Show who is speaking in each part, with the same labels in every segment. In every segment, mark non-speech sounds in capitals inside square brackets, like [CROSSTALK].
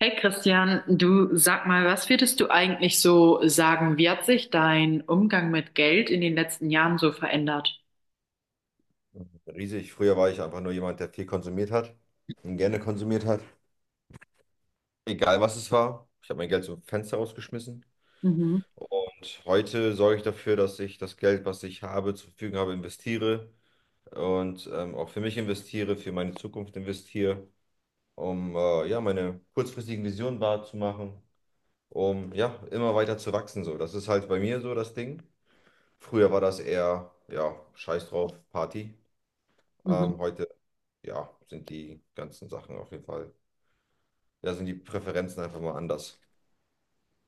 Speaker 1: Hey Christian, du sag mal, was würdest du eigentlich so sagen? Wie hat sich dein Umgang mit Geld in den letzten Jahren so verändert?
Speaker 2: Riesig. Früher war ich einfach nur jemand, der viel konsumiert hat und gerne konsumiert hat. Egal was es war. Ich habe mein Geld zum Fenster rausgeschmissen.
Speaker 1: Mhm,
Speaker 2: Und heute sorge ich dafür, dass ich das Geld, was ich habe, zur Verfügung habe, investiere und auch für mich investiere, für meine Zukunft investiere, um ja, meine kurzfristigen Visionen wahrzumachen, um ja, immer weiter zu wachsen. So. Das ist halt bei mir so das Ding. Früher war das eher, ja, scheiß drauf, Party.
Speaker 1: mhm.
Speaker 2: Heute, ja, sind die ganzen Sachen auf jeden Fall, ja, sind die Präferenzen einfach mal anders.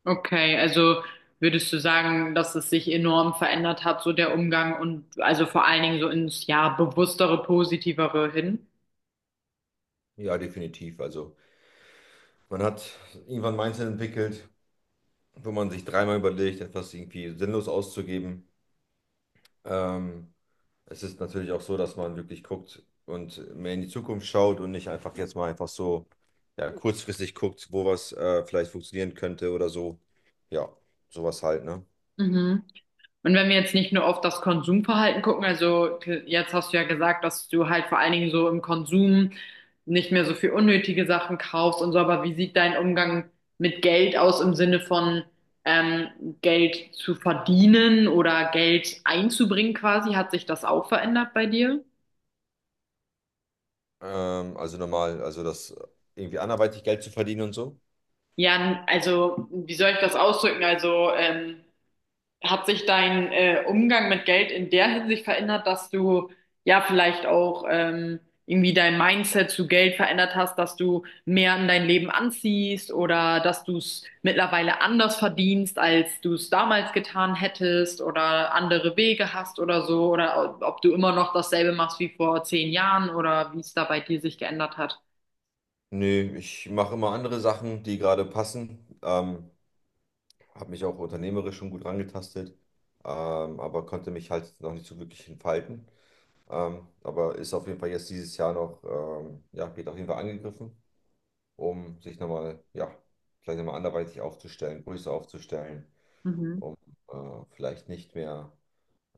Speaker 1: Okay, also würdest du sagen, dass es sich enorm verändert hat, so der Umgang und also vor allen Dingen so ins ja bewusstere, positivere hin?
Speaker 2: Ja, definitiv. Also man hat irgendwann ein Mindset entwickelt, wo man sich dreimal überlegt, etwas irgendwie sinnlos auszugeben. Ähm, es ist natürlich auch so, dass man wirklich guckt und mehr in die Zukunft schaut und nicht einfach jetzt mal einfach so, ja, kurzfristig guckt, wo was vielleicht funktionieren könnte oder so. Ja, sowas halt, ne?
Speaker 1: Mhm. Und wenn wir jetzt nicht nur auf das Konsumverhalten gucken, also jetzt hast du ja gesagt, dass du halt vor allen Dingen so im Konsum nicht mehr so viel unnötige Sachen kaufst und so, aber wie sieht dein Umgang mit Geld aus im Sinne von ähm, Geld zu verdienen oder Geld einzubringen quasi? Hat sich das auch verändert bei dir?
Speaker 2: Also normal, also das irgendwie anderweitig Geld zu verdienen und so.
Speaker 1: Ja, also wie soll ich das ausdrücken? Also hat sich dein Umgang mit Geld in der Hinsicht verändert, dass du ja vielleicht auch irgendwie dein Mindset zu Geld verändert hast, dass du mehr in dein Leben anziehst oder dass du es mittlerweile anders verdienst, als du es damals getan hättest oder andere Wege hast oder so oder ob du immer noch dasselbe machst wie vor 10 Jahren oder wie es da bei dir sich geändert hat?
Speaker 2: Nee, ich mache immer andere Sachen, die gerade passen. Habe mich auch unternehmerisch schon gut rangetastet, aber konnte mich halt noch nicht so wirklich entfalten. Aber ist auf jeden Fall jetzt dieses Jahr noch, ja, geht auf jeden Fall angegriffen, um sich nochmal, ja, vielleicht nochmal anderweitig aufzustellen, größer aufzustellen,
Speaker 1: Mhm.
Speaker 2: um vielleicht nicht mehr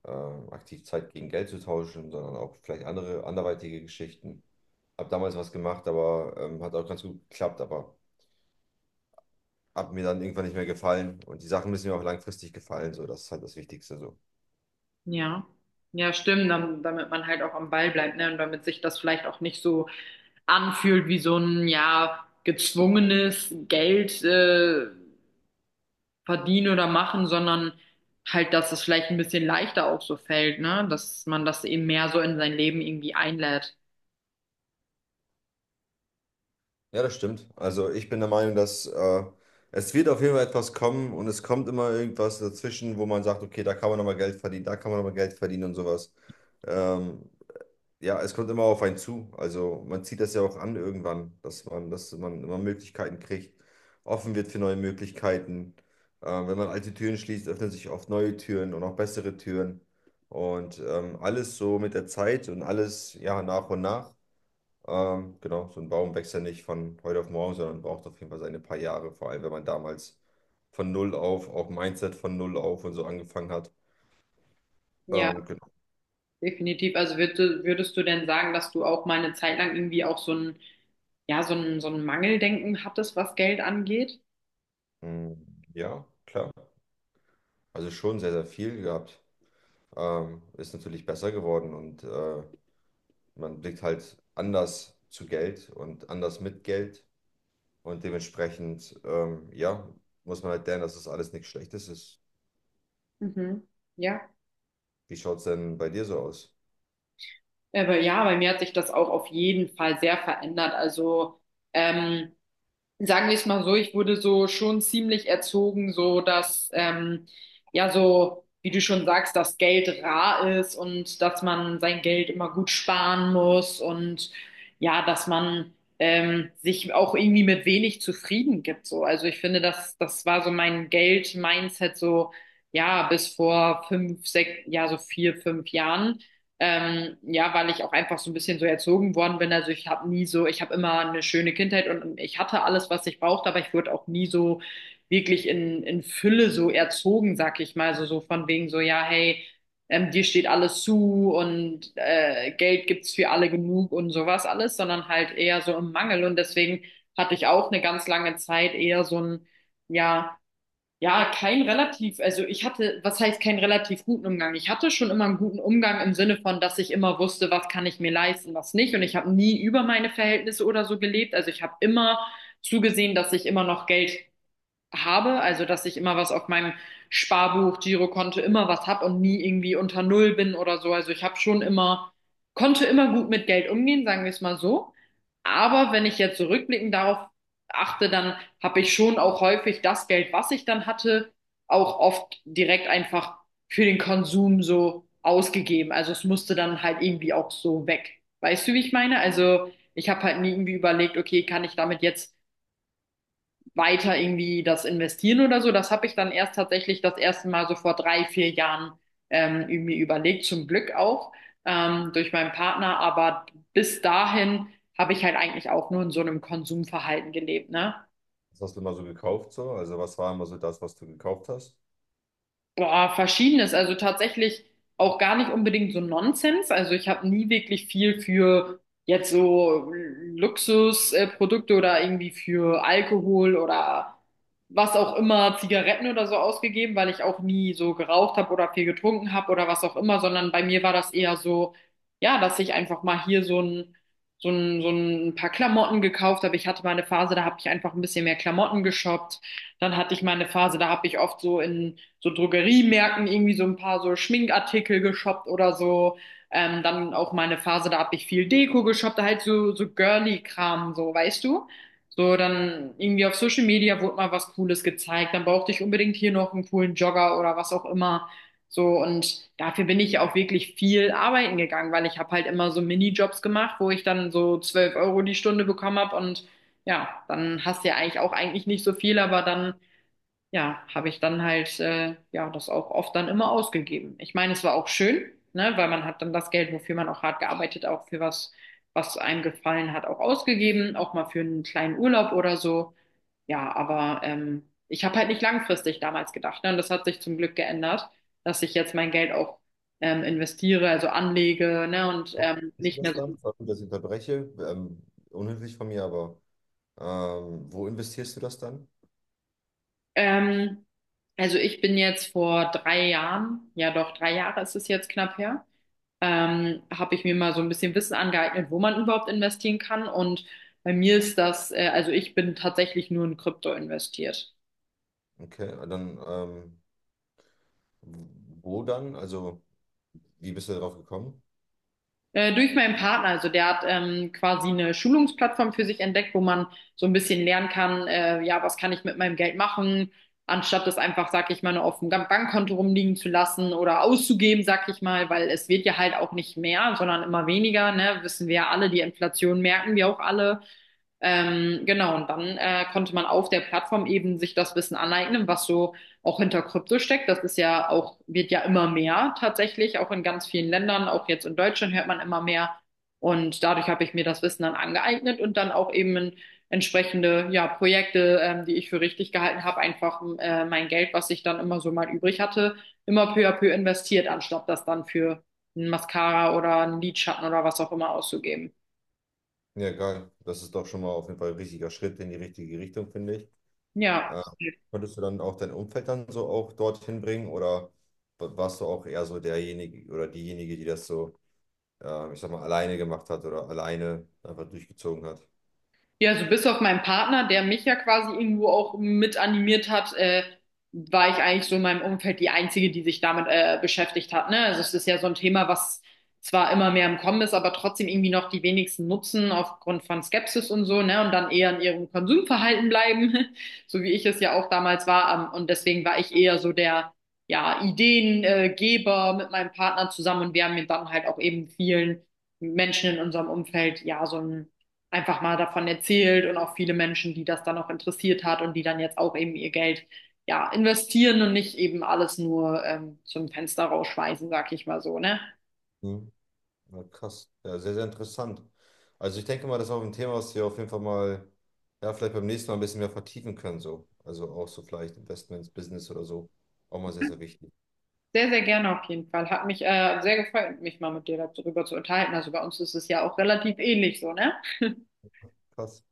Speaker 2: äh, aktiv Zeit gegen Geld zu tauschen, sondern auch vielleicht andere anderweitige Geschichten. Habe damals was gemacht, aber hat auch ganz gut geklappt, hat mir dann irgendwann nicht mehr gefallen. Und die Sachen müssen mir auch langfristig gefallen. So, das ist halt das Wichtigste so.
Speaker 1: Ja, ja, stimmt, dann, damit man halt auch am Ball bleibt, ne? Und damit sich das vielleicht auch nicht so anfühlt wie so ein, ja, gezwungenes Geld verdienen oder machen, sondern halt, dass es vielleicht ein bisschen leichter auch so fällt, ne? Dass man das eben mehr so in sein Leben irgendwie einlädt.
Speaker 2: Ja, das stimmt. Also ich bin der Meinung, dass es wird auf jeden Fall etwas kommen und es kommt immer irgendwas dazwischen, wo man sagt, okay, da kann man nochmal Geld verdienen, da kann man nochmal Geld verdienen und sowas. Ähm, Ja, es kommt immer auf einen zu. Also man zieht das ja auch an irgendwann, dass man immer Möglichkeiten kriegt, offen wird für neue Möglichkeiten. Wenn man alte Türen schließt, öffnen sich oft neue Türen und auch bessere Türen. Und alles so mit der Zeit und alles ja nach und nach. Genau, so ein Baum wächst ja nicht von heute auf morgen, sondern braucht auf jeden Fall seine paar Jahre, vor allem wenn man damals von null auf, auch Mindset von null auf und so angefangen hat.
Speaker 1: Ja,
Speaker 2: Genau.
Speaker 1: definitiv. Also würdest du denn sagen, dass du auch mal eine Zeit lang irgendwie auch so ein, ja, so ein Mangeldenken hattest, was Geld angeht?
Speaker 2: Mm, ja, klar. Also schon sehr, sehr viel gehabt. Ist natürlich besser geworden und man blickt halt anders zu Geld und anders mit Geld und dementsprechend, ja, muss man halt lernen, dass das alles nichts Schlechtes ist.
Speaker 1: Mhm. Ja.
Speaker 2: Wie schaut es denn bei dir so aus?
Speaker 1: Aber ja, bei mir hat sich das auch auf jeden Fall sehr verändert. Also, ähm, sagen wir es mal so, ich wurde so schon ziemlich erzogen, so dass, ja, so, wie du schon sagst, dass Geld rar ist und dass man sein Geld immer gut sparen muss und ja, dass man sich auch irgendwie mit wenig zufrieden gibt. So. Also ich finde, das war so mein Geld-Mindset so, ja, bis vor fünf, sechs, ja, so vier, fünf Jahren. Ja, weil ich auch einfach so ein bisschen so erzogen worden bin. Also ich habe nie so, ich habe immer eine schöne Kindheit und ich hatte alles, was ich brauchte, aber ich wurde auch nie so wirklich in Fülle so erzogen, sag ich mal. Also so von wegen so, ja, hey, dir steht alles zu und Geld gibt's für alle genug und sowas alles, sondern halt eher so im Mangel. Und deswegen hatte ich auch eine ganz lange Zeit eher so ein, ja, ja, kein relativ, also ich hatte, was heißt keinen relativ guten Umgang? Ich hatte schon immer einen guten Umgang im Sinne von, dass ich immer wusste, was kann ich mir leisten, was nicht. Und ich habe nie über meine Verhältnisse oder so gelebt. Also ich habe immer zugesehen, dass ich immer noch Geld habe, also dass ich immer was auf meinem Sparbuch, Girokonto immer was habe und nie irgendwie unter Null bin oder so. Also ich habe schon immer, konnte immer gut mit Geld umgehen, sagen wir es mal so. Aber wenn ich jetzt so rückblickend darauf achte, dann habe ich schon auch häufig das Geld, was ich dann hatte, auch oft direkt einfach für den Konsum so ausgegeben. Also es musste dann halt irgendwie auch so weg. Weißt du, wie ich meine? Also ich habe halt nie irgendwie überlegt, okay, kann ich damit jetzt weiter irgendwie das investieren oder so. Das habe ich dann erst tatsächlich das erste Mal so vor drei, vier Jahren irgendwie überlegt, zum Glück auch durch meinen Partner. Aber bis dahin habe ich halt eigentlich auch nur in so einem Konsumverhalten gelebt, ne?
Speaker 2: Was hast du immer so gekauft so? Also was war immer so das, was du gekauft hast?
Speaker 1: Boah, verschiedenes. Also tatsächlich auch gar nicht unbedingt so Nonsens. Also ich habe nie wirklich viel für jetzt so Luxusprodukte oder irgendwie für Alkohol oder was auch immer, Zigaretten oder so ausgegeben, weil ich auch nie so geraucht habe oder viel getrunken habe oder was auch immer, sondern bei mir war das eher so, ja, dass ich einfach mal hier so ein paar Klamotten gekauft habe. Ich hatte mal eine Phase, da habe ich einfach ein bisschen mehr Klamotten geshoppt. Dann hatte ich mal eine Phase, da habe ich oft so in so Drogeriemärkten irgendwie so ein paar so Schminkartikel geshoppt oder so. Dann auch meine Phase, da habe ich viel Deko geshoppt, halt so, so Girly-Kram, so, weißt du? So, dann irgendwie auf Social Media wurde mal was Cooles gezeigt, dann brauchte ich unbedingt hier noch einen coolen Jogger oder was auch immer. So, und dafür bin ich auch wirklich viel arbeiten gegangen, weil ich habe halt immer so Minijobs gemacht, wo ich dann so 12 Euro die Stunde bekommen habe und ja, dann hast du ja eigentlich nicht so viel, aber dann ja, habe ich dann halt ja das auch oft dann immer ausgegeben. Ich meine, es war auch schön, ne, weil man hat dann das Geld, wofür man auch hart gearbeitet, auch für was, was einem gefallen hat, auch ausgegeben, auch mal für einen kleinen Urlaub oder so. Ja, aber ich habe halt nicht langfristig damals gedacht, ne, und das hat sich zum Glück geändert, dass ich jetzt mein Geld auch investiere, also anlege, ne, und
Speaker 2: Wo Ist
Speaker 1: nicht mehr
Speaker 2: das
Speaker 1: so.
Speaker 2: dann? Sorry, dass ich unterbreche. Unhöflich von mir, aber wo investierst du das dann?
Speaker 1: Ähm, also ich bin jetzt vor drei Jahren, ja doch drei Jahre ist es jetzt knapp her, habe ich mir mal so ein bisschen Wissen angeeignet, wo man überhaupt investieren kann. Und bei mir ist das, also ich bin tatsächlich nur in Krypto investiert.
Speaker 2: Okay, dann wo dann? Also wie bist du darauf gekommen?
Speaker 1: Durch meinen Partner, also der hat quasi eine Schulungsplattform für sich entdeckt, wo man so ein bisschen lernen kann, ja, was kann ich mit meinem Geld machen, anstatt es einfach, sag ich mal, nur auf dem Bankkonto rumliegen zu lassen oder auszugeben, sag ich mal, weil es wird ja halt auch nicht mehr, sondern immer weniger, ne? Wissen wir ja alle, die Inflation merken wir auch alle. Genau, und dann konnte man auf der Plattform eben sich das Wissen aneignen, was so auch hinter Krypto steckt. Das ist ja auch, Wird ja immer mehr tatsächlich, auch in ganz vielen Ländern, auch jetzt in Deutschland hört man immer mehr. Und dadurch habe ich mir das Wissen dann angeeignet und dann auch eben in entsprechende ja, Projekte, die ich für richtig gehalten habe, einfach mein Geld, was ich dann immer so mal übrig hatte, immer peu à peu investiert, anstatt das dann für ein Mascara oder einen Lidschatten oder was auch immer auszugeben.
Speaker 2: Ja, geil. Das ist doch schon mal auf jeden Fall ein richtiger Schritt in die richtige Richtung, finde ich.
Speaker 1: Ja.
Speaker 2: Äh, konntest du dann auch dein Umfeld dann so auch dorthin bringen oder warst du auch eher so derjenige oder diejenige, die das so, ich sag mal, alleine gemacht hat oder alleine einfach durchgezogen hat?
Speaker 1: Ja, so bis auf meinen Partner, der mich ja quasi irgendwo auch mit animiert hat, war ich eigentlich so in meinem Umfeld die Einzige, die sich damit beschäftigt hat. Ne? Also es ist ja so ein Thema, was zwar immer mehr im Kommen ist, aber trotzdem irgendwie noch die wenigsten nutzen aufgrund von Skepsis und so, ne? Und dann eher in ihrem Konsumverhalten bleiben, [LAUGHS] so wie ich es ja auch damals war. Und deswegen war ich eher so der, ja, Ideengeber mit meinem Partner zusammen und wir haben mir dann halt auch eben vielen Menschen in unserem Umfeld ja so ein einfach mal davon erzählt und auch viele Menschen, die das dann auch interessiert hat und die dann jetzt auch eben ihr Geld ja investieren und nicht eben alles nur zum Fenster rausschmeißen, sag ich mal so, ne?
Speaker 2: Hm. Ja, krass. Ja, sehr, sehr interessant. Also ich denke mal, das ist auch ein Thema, was wir auf jeden Fall mal, ja, vielleicht beim nächsten Mal ein bisschen mehr vertiefen können, so. Also auch so vielleicht Investments, Business oder so. Auch mal sehr, sehr wichtig.
Speaker 1: Sehr, sehr gerne auf jeden Fall. Hat mich sehr gefreut, mich mal mit dir darüber zu unterhalten. Also bei uns ist es ja auch relativ ähnlich so, ne?
Speaker 2: Krass.